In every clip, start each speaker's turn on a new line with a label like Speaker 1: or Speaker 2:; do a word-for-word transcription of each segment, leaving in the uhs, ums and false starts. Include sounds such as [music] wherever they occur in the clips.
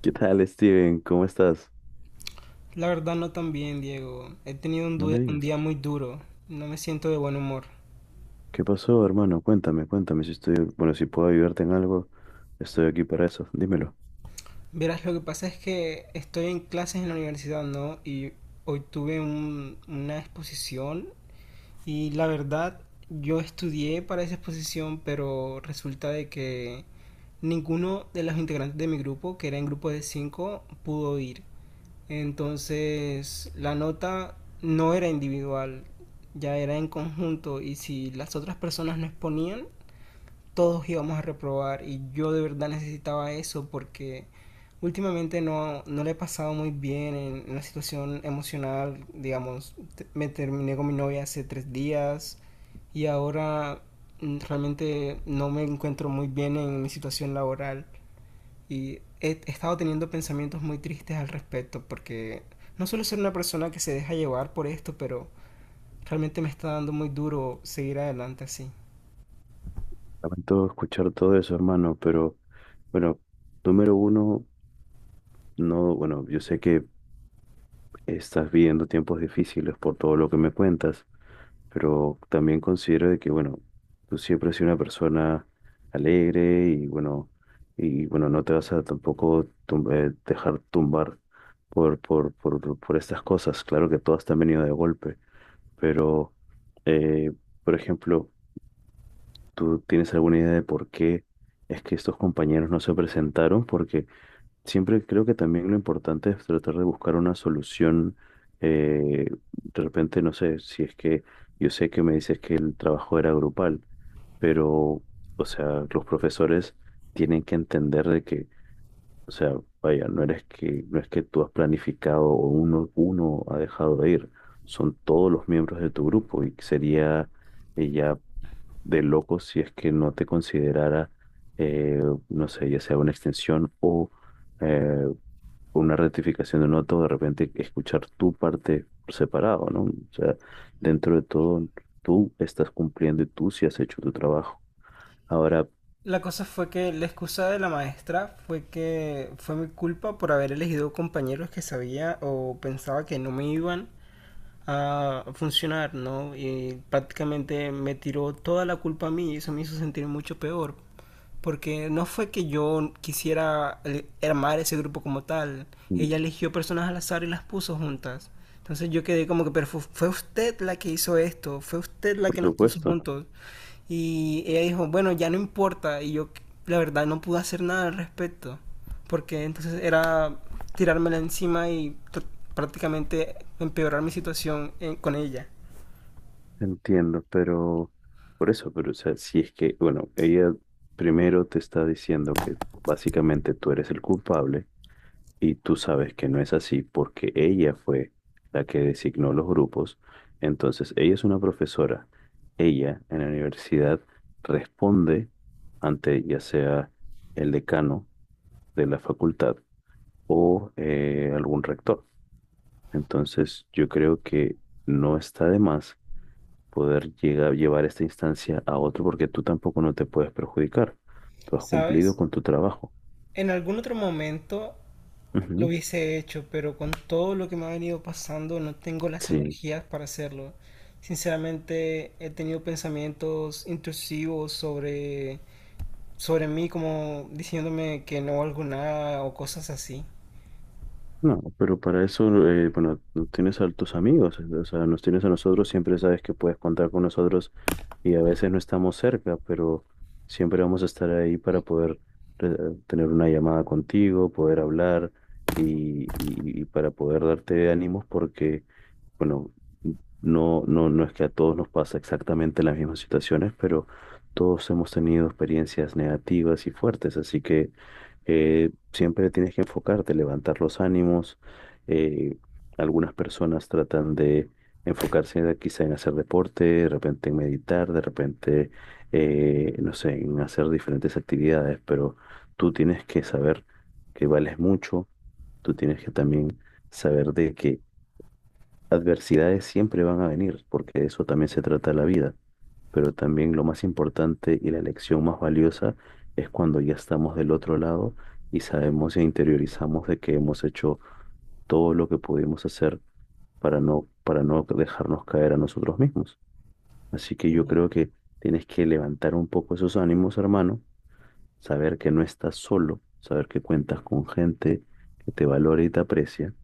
Speaker 1: ¿Qué tal, Steven? ¿Cómo estás?
Speaker 2: La verdad no tan bien, Diego. He tenido un,
Speaker 1: No me
Speaker 2: due- un
Speaker 1: digas.
Speaker 2: día muy duro. No me siento de buen humor.
Speaker 1: ¿Qué pasó, hermano? Cuéntame, cuéntame si estoy, bueno, si puedo ayudarte en algo, estoy aquí para eso. Dímelo.
Speaker 2: Verás, lo que pasa es que estoy en clases en la universidad, ¿no? Y hoy tuve un- una exposición y la verdad yo estudié para esa exposición, pero resulta de que ninguno de los integrantes de mi grupo, que era en grupo de cinco, pudo ir. Entonces la nota no era individual, ya era en conjunto y si las otras personas no exponían, todos íbamos a reprobar y yo de verdad necesitaba eso porque últimamente no, no le he pasado muy bien en, una situación emocional, digamos, te- me terminé con mi novia hace tres días y ahora mm, realmente no me encuentro muy bien en mi situación laboral y he he estado teniendo pensamientos muy tristes al respecto porque no suelo ser una persona que se deja llevar por esto, pero realmente me está dando muy duro seguir adelante así.
Speaker 1: Lamento escuchar todo eso, hermano, pero bueno, número uno, no, bueno, yo sé que estás viviendo tiempos difíciles por todo lo que me cuentas, pero también considero de que, bueno, tú siempre has sido una persona alegre y, bueno, y, bueno, no te vas a tampoco tum- eh, dejar tumbar por, por, por, por estas cosas. Claro que todas te han venido de golpe, pero, eh, por ejemplo, ¿tú tienes alguna idea de por qué es que estos compañeros no se presentaron? Porque siempre creo que también lo importante es tratar de buscar una solución. eh, de repente, no sé, si es que yo sé que me dices que el trabajo era grupal, pero, o sea, los profesores tienen que entender de que, o sea, vaya, no eres que, no es que tú has planificado o uno, uno ha dejado de ir, son todos los miembros de tu grupo y sería eh, ya de loco si es que no te considerara, eh, no sé, ya sea una extensión o... eh, con una rectificación de un otro, de repente escuchar tu parte por separado, ¿no? O sea, dentro de todo, tú estás cumpliendo y tú sí has hecho tu trabajo. Ahora,
Speaker 2: La cosa fue que la excusa de la maestra fue que fue mi culpa por haber elegido compañeros que sabía o pensaba que no me iban a funcionar, ¿no? Y prácticamente me tiró toda la culpa a mí y eso me hizo sentir mucho peor. Porque no fue que yo quisiera el- armar ese grupo como tal.
Speaker 1: mm,
Speaker 2: Ella eligió personas al azar y las puso juntas. Entonces yo quedé como que, pero fu- fue usted la que hizo esto, fue usted la
Speaker 1: por
Speaker 2: que nos puso
Speaker 1: supuesto,
Speaker 2: juntos. Y ella dijo, bueno, ya no importa. Y yo, la verdad, no pude hacer nada al respecto. Porque entonces era tirármela encima y tr- prácticamente empeorar mi situación en- con ella.
Speaker 1: entiendo, pero por eso, pero o sea, si es que, bueno, ella primero te está diciendo que básicamente tú eres el culpable. Y tú sabes que no es así porque ella fue la que designó los grupos. Entonces, ella es una profesora. Ella en la universidad responde ante ya sea el decano de la facultad o eh, algún rector. Entonces, yo creo que no está de más poder llegar, llevar esta instancia a otro porque tú tampoco no te puedes perjudicar. Tú has cumplido
Speaker 2: ¿Sabes?
Speaker 1: con tu trabajo.
Speaker 2: En algún otro momento lo
Speaker 1: Ujú.
Speaker 2: hubiese hecho, pero con todo lo que me ha venido pasando no tengo las
Speaker 1: Sí.
Speaker 2: energías para hacerlo. Sinceramente he tenido pensamientos intrusivos sobre, sobre mí, como diciéndome que no valgo nada o cosas así.
Speaker 1: No, pero para eso, eh, bueno, tú tienes a tus amigos, o sea, nos tienes a nosotros, siempre sabes que puedes contar con nosotros y a veces no estamos cerca, pero siempre vamos a estar ahí para poder eh, tener una llamada contigo, poder hablar y, y- y para poder darte ánimos porque, bueno, no, no, no es que a todos nos pasa exactamente las mismas situaciones, pero todos hemos tenido experiencias negativas y fuertes, así que eh, siempre tienes que enfocarte, levantar los ánimos. eh, Algunas personas tratan de enfocarse de- quizá en hacer deporte, de repente en meditar, de repente, eh, no sé, en hacer diferentes actividades, pero tú tienes que saber que vales mucho, tú tienes que también saber de que adversidades siempre van a venir, porque de eso también se trata la vida. Pero también lo más importante y la lección más valiosa es cuando ya estamos del otro lado y sabemos e interiorizamos de que hemos hecho todo lo que pudimos hacer para no, para no dejarnos caer a nosotros mismos. Así que
Speaker 2: Sí,
Speaker 1: yo
Speaker 2: no.
Speaker 1: creo que tienes que levantar un poco esos ánimos, hermano, saber que no estás solo, saber que cuentas con gente que te valora y te aprecia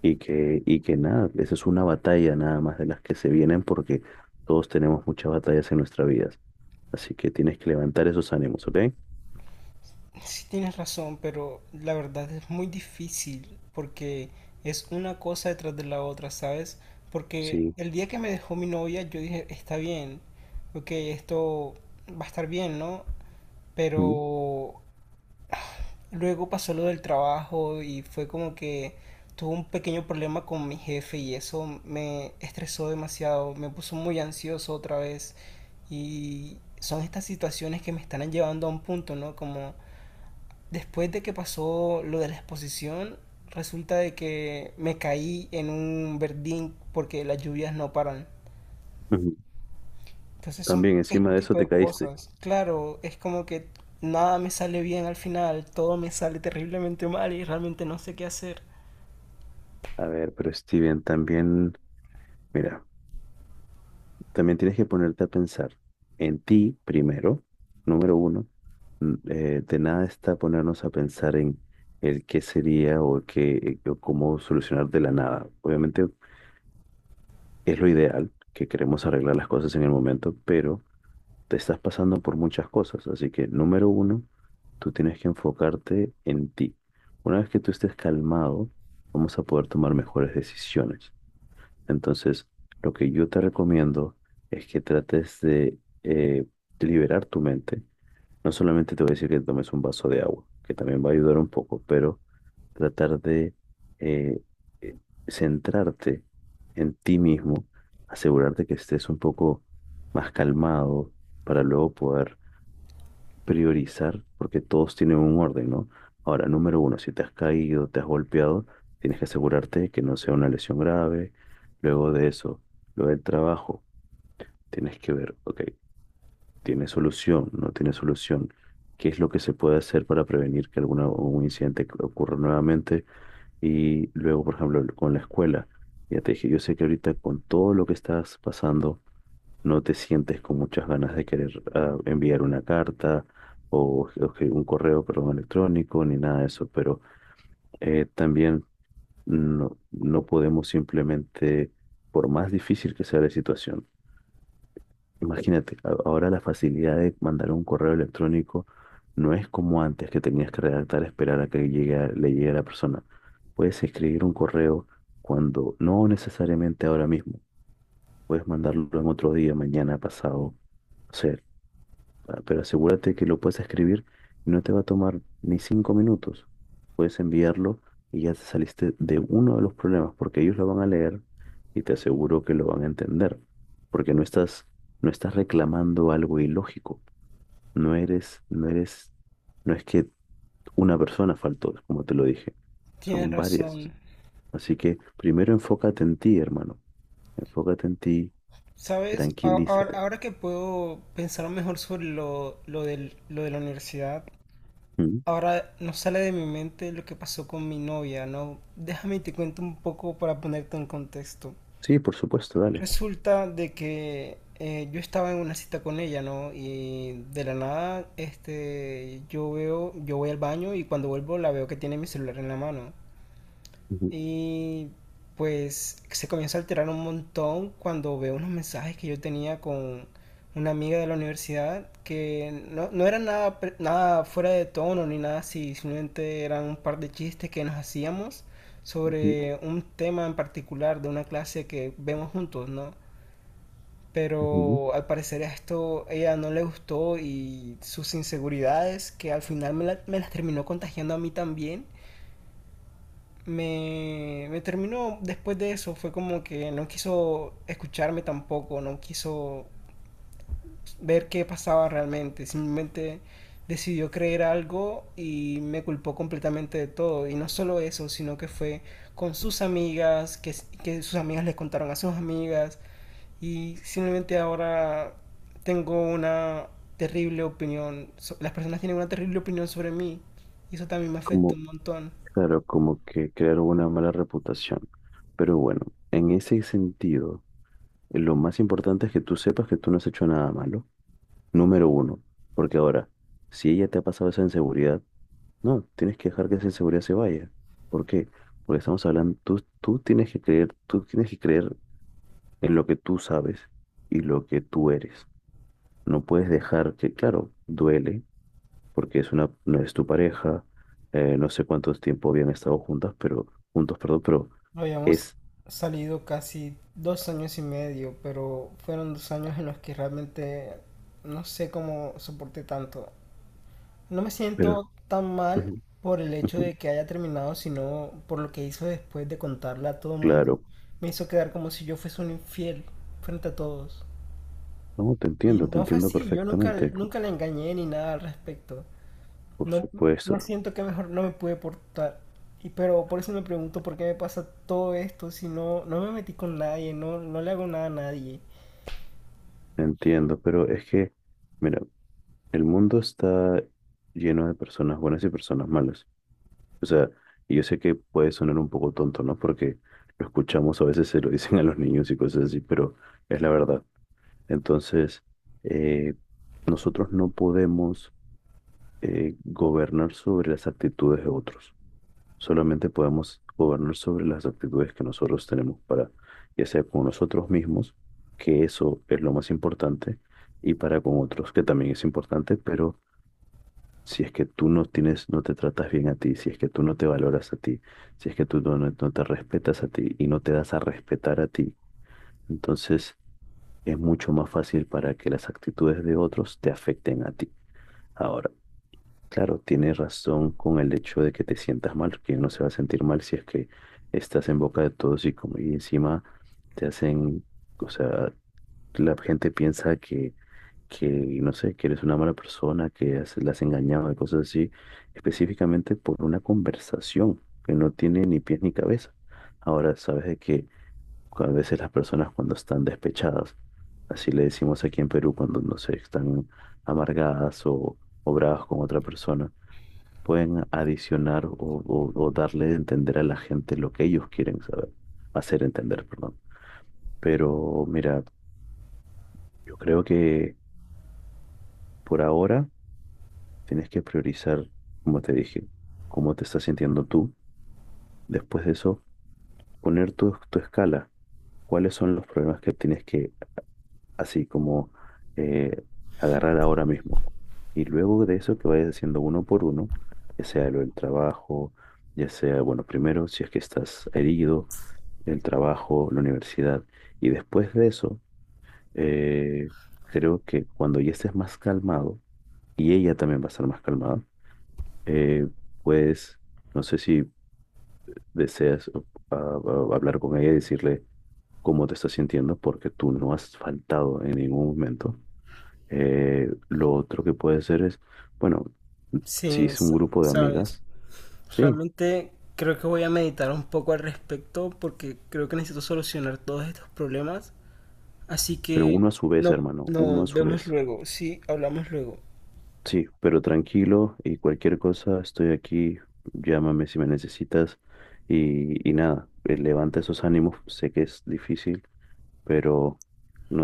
Speaker 1: y que, y que nada, esa es una batalla nada más de las que se vienen porque todos tenemos muchas batallas en nuestra vida. Así que tienes que levantar esos ánimos, ¿ok?
Speaker 2: Sí, tienes razón, pero la verdad es muy difícil porque es una cosa detrás de la otra, ¿sabes? Porque
Speaker 1: Sí.
Speaker 2: el día que me dejó mi novia yo dije, está bien, ok, esto va a estar bien, ¿no?
Speaker 1: Ujú.
Speaker 2: Pero luego pasó lo del trabajo y fue como que tuve un pequeño problema con mi jefe y eso me estresó demasiado, me puso muy ansioso otra vez y son estas situaciones que me están llevando a un punto, ¿no? Como después de que pasó lo de la exposición, resulta de que me caí en un verdín porque las lluvias no paran.
Speaker 1: Ujú.
Speaker 2: Entonces son
Speaker 1: También encima
Speaker 2: este
Speaker 1: de eso
Speaker 2: tipo
Speaker 1: te
Speaker 2: de
Speaker 1: caíste.
Speaker 2: cosas. Claro, es como que nada me sale bien al final, todo me sale terriblemente mal y realmente no sé qué hacer.
Speaker 1: A ver, pero Steven, también, mira, también tienes que ponerte a pensar en ti primero, número uno. N- eh, de nada está ponernos a pensar en el qué sería o qué, o cómo solucionar de la nada. Obviamente es lo ideal, que queremos arreglar las cosas en el momento, pero te estás pasando por muchas cosas. Así que, número uno, tú tienes que enfocarte en ti. Una vez que tú estés calmado, vamos a poder tomar mejores decisiones. Entonces, lo que yo te recomiendo es que trates de eh, liberar tu mente. No solamente te voy a decir que tomes un vaso de agua, que también va a ayudar un poco, pero tratar de eh, eh, centrarte en ti mismo, asegurarte que estés un poco más calmado para luego poder priorizar, porque todos tienen un orden, ¿no? Ahora, número uno, si te has caído, te has golpeado, tienes que asegurarte de que no sea una lesión grave. Luego de eso, lo del trabajo, tienes que ver, ok, ¿tiene solución? ¿No tiene solución? ¿Qué es lo que se puede hacer para prevenir que alguna, un incidente ocurra nuevamente? Y luego, por ejemplo, con la escuela, ya te dije, yo sé que ahorita con todo lo que estás pasando, no te sientes con muchas ganas de querer ah, enviar una carta o, o que- un correo, perdón, electrónico, ni nada de eso, pero eh, también no, no podemos simplemente, por más difícil que sea la situación, imagínate, a- ahora la facilidad de mandar un correo electrónico no es como antes que tenías que redactar, esperar a que llegue a- le llegue a la persona. Puedes escribir un correo cuando no necesariamente ahora mismo, puedes mandarlo en otro día, mañana, pasado. Ah, Pero asegúrate que lo puedes escribir y no te va a tomar ni cinco minutos. Puedes enviarlo y ya te saliste de uno de los problemas, porque ellos lo van a leer y te aseguro que lo van a entender, porque no estás, no estás reclamando algo ilógico. No eres, no eres, no es que una persona faltó, como te lo dije,
Speaker 2: Tienes
Speaker 1: son varias.
Speaker 2: razón.
Speaker 1: Así que primero enfócate en ti, hermano. Enfócate en ti,
Speaker 2: ¿Sabes? A- Ahora,
Speaker 1: tranquilízate.
Speaker 2: ahora que puedo pensar mejor sobre lo, lo del, lo de la universidad,
Speaker 1: ¿Mm?
Speaker 2: ahora no sale de mi mente lo que pasó con mi novia, ¿no? Déjame y te cuento un poco para ponerte en contexto.
Speaker 1: Sí, por supuesto, dale.
Speaker 2: Resulta de que eh, yo estaba en una cita con ella, ¿no? Y de la nada, este, yo veo, yo voy al baño y cuando vuelvo la veo que tiene mi celular en la mano.
Speaker 1: Ujú,
Speaker 2: Y pues se comienza a alterar un montón cuando veo unos mensajes que yo tenía con una amiga de la universidad que no, no eran nada, pre- nada fuera de tono ni nada así, simplemente eran un par de chistes que nos hacíamos
Speaker 1: ujú,
Speaker 2: sobre un tema en particular de una clase que vemos juntos, ¿no?
Speaker 1: ujú.
Speaker 2: Pero al parecer esto ella no le gustó y sus inseguridades, que al final me, la- me las terminó contagiando a mí también, me, me terminó después de eso. Fue como que no quiso escucharme tampoco, no quiso ver qué pasaba realmente. Simplemente decidió creer algo y me culpó completamente de todo. Y no solo eso, sino que fue con sus amigas, que, que sus amigas le contaron a sus amigas y simplemente ahora tengo una terrible opinión. so- Las personas tienen una terrible opinión sobre mí. Y eso también me afecta
Speaker 1: Como,
Speaker 2: un montón.
Speaker 1: claro, como que crearon una mala reputación. Pero bueno, en ese sentido, lo más importante es que tú sepas que tú no has hecho nada malo. Número uno, porque ahora, si ella te ha pasado esa inseguridad, no, tienes que dejar que esa inseguridad se vaya. ¿Por qué? Porque estamos hablando, tú, tú tienes que creer, tú tienes que creer en lo que tú sabes y lo que tú eres. No puedes dejar que, claro, duele, porque es una, no es tu pareja, eh, no sé cuánto tiempo habían estado juntas, pero juntos, perdón, pero
Speaker 2: Habíamos
Speaker 1: es,
Speaker 2: salido casi dos años y medio, pero fueron dos años en los que realmente no sé cómo soporté tanto. No me
Speaker 1: pero,
Speaker 2: siento tan mal
Speaker 1: ujú,
Speaker 2: por el hecho
Speaker 1: ujú,
Speaker 2: de que haya terminado, sino por lo que hizo después de contarle a todo el mundo.
Speaker 1: claro,
Speaker 2: Me hizo quedar como si yo fuese un infiel frente a todos.
Speaker 1: no, te
Speaker 2: Y
Speaker 1: entiendo, te
Speaker 2: no fue
Speaker 1: entiendo
Speaker 2: así, yo nunca,
Speaker 1: perfectamente,
Speaker 2: nunca la engañé ni nada al respecto.
Speaker 1: por
Speaker 2: No, no
Speaker 1: supuesto,
Speaker 2: siento que mejor no me pude portar. Y pero por eso me pregunto por qué me pasa todo esto si no, no me metí con nadie, no, no le hago nada a nadie.
Speaker 1: te entiendo, pero es que, mira, el mundo está lleno de personas buenas y personas malas. O sea, y yo sé que puede sonar un poco tonto, ¿no? Porque lo escuchamos, a veces se lo [laughs] dicen a los niños y cosas así, pero es la verdad. Entonces, eh, nosotros no podemos eh, gobernar sobre las actitudes de otros. Solamente podemos gobernar sobre las actitudes que nosotros tenemos para, ya sea con nosotros mismos, que eso es lo más importante, y para con otros, que también es importante, pero si es que tú no tienes, no te tratas bien a ti, si es que tú no te valoras a ti, si es que tú no, no no te respetas a ti y no te das a respetar a ti, entonces es mucho más fácil para que las actitudes de otros te afecten a ti. Ahora. Claro, tienes razón con el hecho de que te sientas mal, porque uno se va a sentir mal si es que estás en boca de todos y como y encima te hacen, o sea, la gente piensa que, que, no sé, que eres una mala persona, que has- la has engañado y cosas así, específicamente por una conversación que no tiene ni pies ni cabeza. Ahora, sabes de que a veces las personas cuando están despechadas, así le decimos aquí en Perú, cuando no sé, están amargadas o, o bravas con otra persona pueden adicionar o, o- o darle a entender a la gente lo que ellos quieren saber, hacer entender, perdón. Pero mira, yo creo que por ahora tienes que priorizar, como te dije, cómo te estás sintiendo tú. Después de eso, poner tu, tu escala. ¿Cuáles son los problemas que tienes que, así como, eh, agarrar ahora mismo? Y luego de eso, que vayas haciendo uno por uno, ya sea lo del trabajo, ya sea, bueno, primero, si es que estás herido el trabajo, la universidad. Y después de eso, eh, creo que cuando ya estés más calmado, y ella también va a estar más calmada, eh, pues no sé si deseas o- a- a- hablar con ella y decirle cómo te estás sintiendo, porque tú no has faltado en ningún momento. Eh, lo otro que puede ser es, bueno, si
Speaker 2: Sí,
Speaker 1: es un
Speaker 2: sa-
Speaker 1: grupo de
Speaker 2: sabes,
Speaker 1: amigas, sí,
Speaker 2: realmente creo que voy a meditar un poco al respecto porque creo que necesito solucionar todos estos problemas. Así
Speaker 1: pero
Speaker 2: que
Speaker 1: uno a su vez,
Speaker 2: no,
Speaker 1: hermano, uno
Speaker 2: no,
Speaker 1: a su
Speaker 2: vemos
Speaker 1: vez.
Speaker 2: luego, sí, hablamos luego.
Speaker 1: Sí, pero tranquilo y cualquier cosa, estoy aquí, llámame si me necesitas y, y nada, eh, levanta esos ánimos, sé que es difícil, pero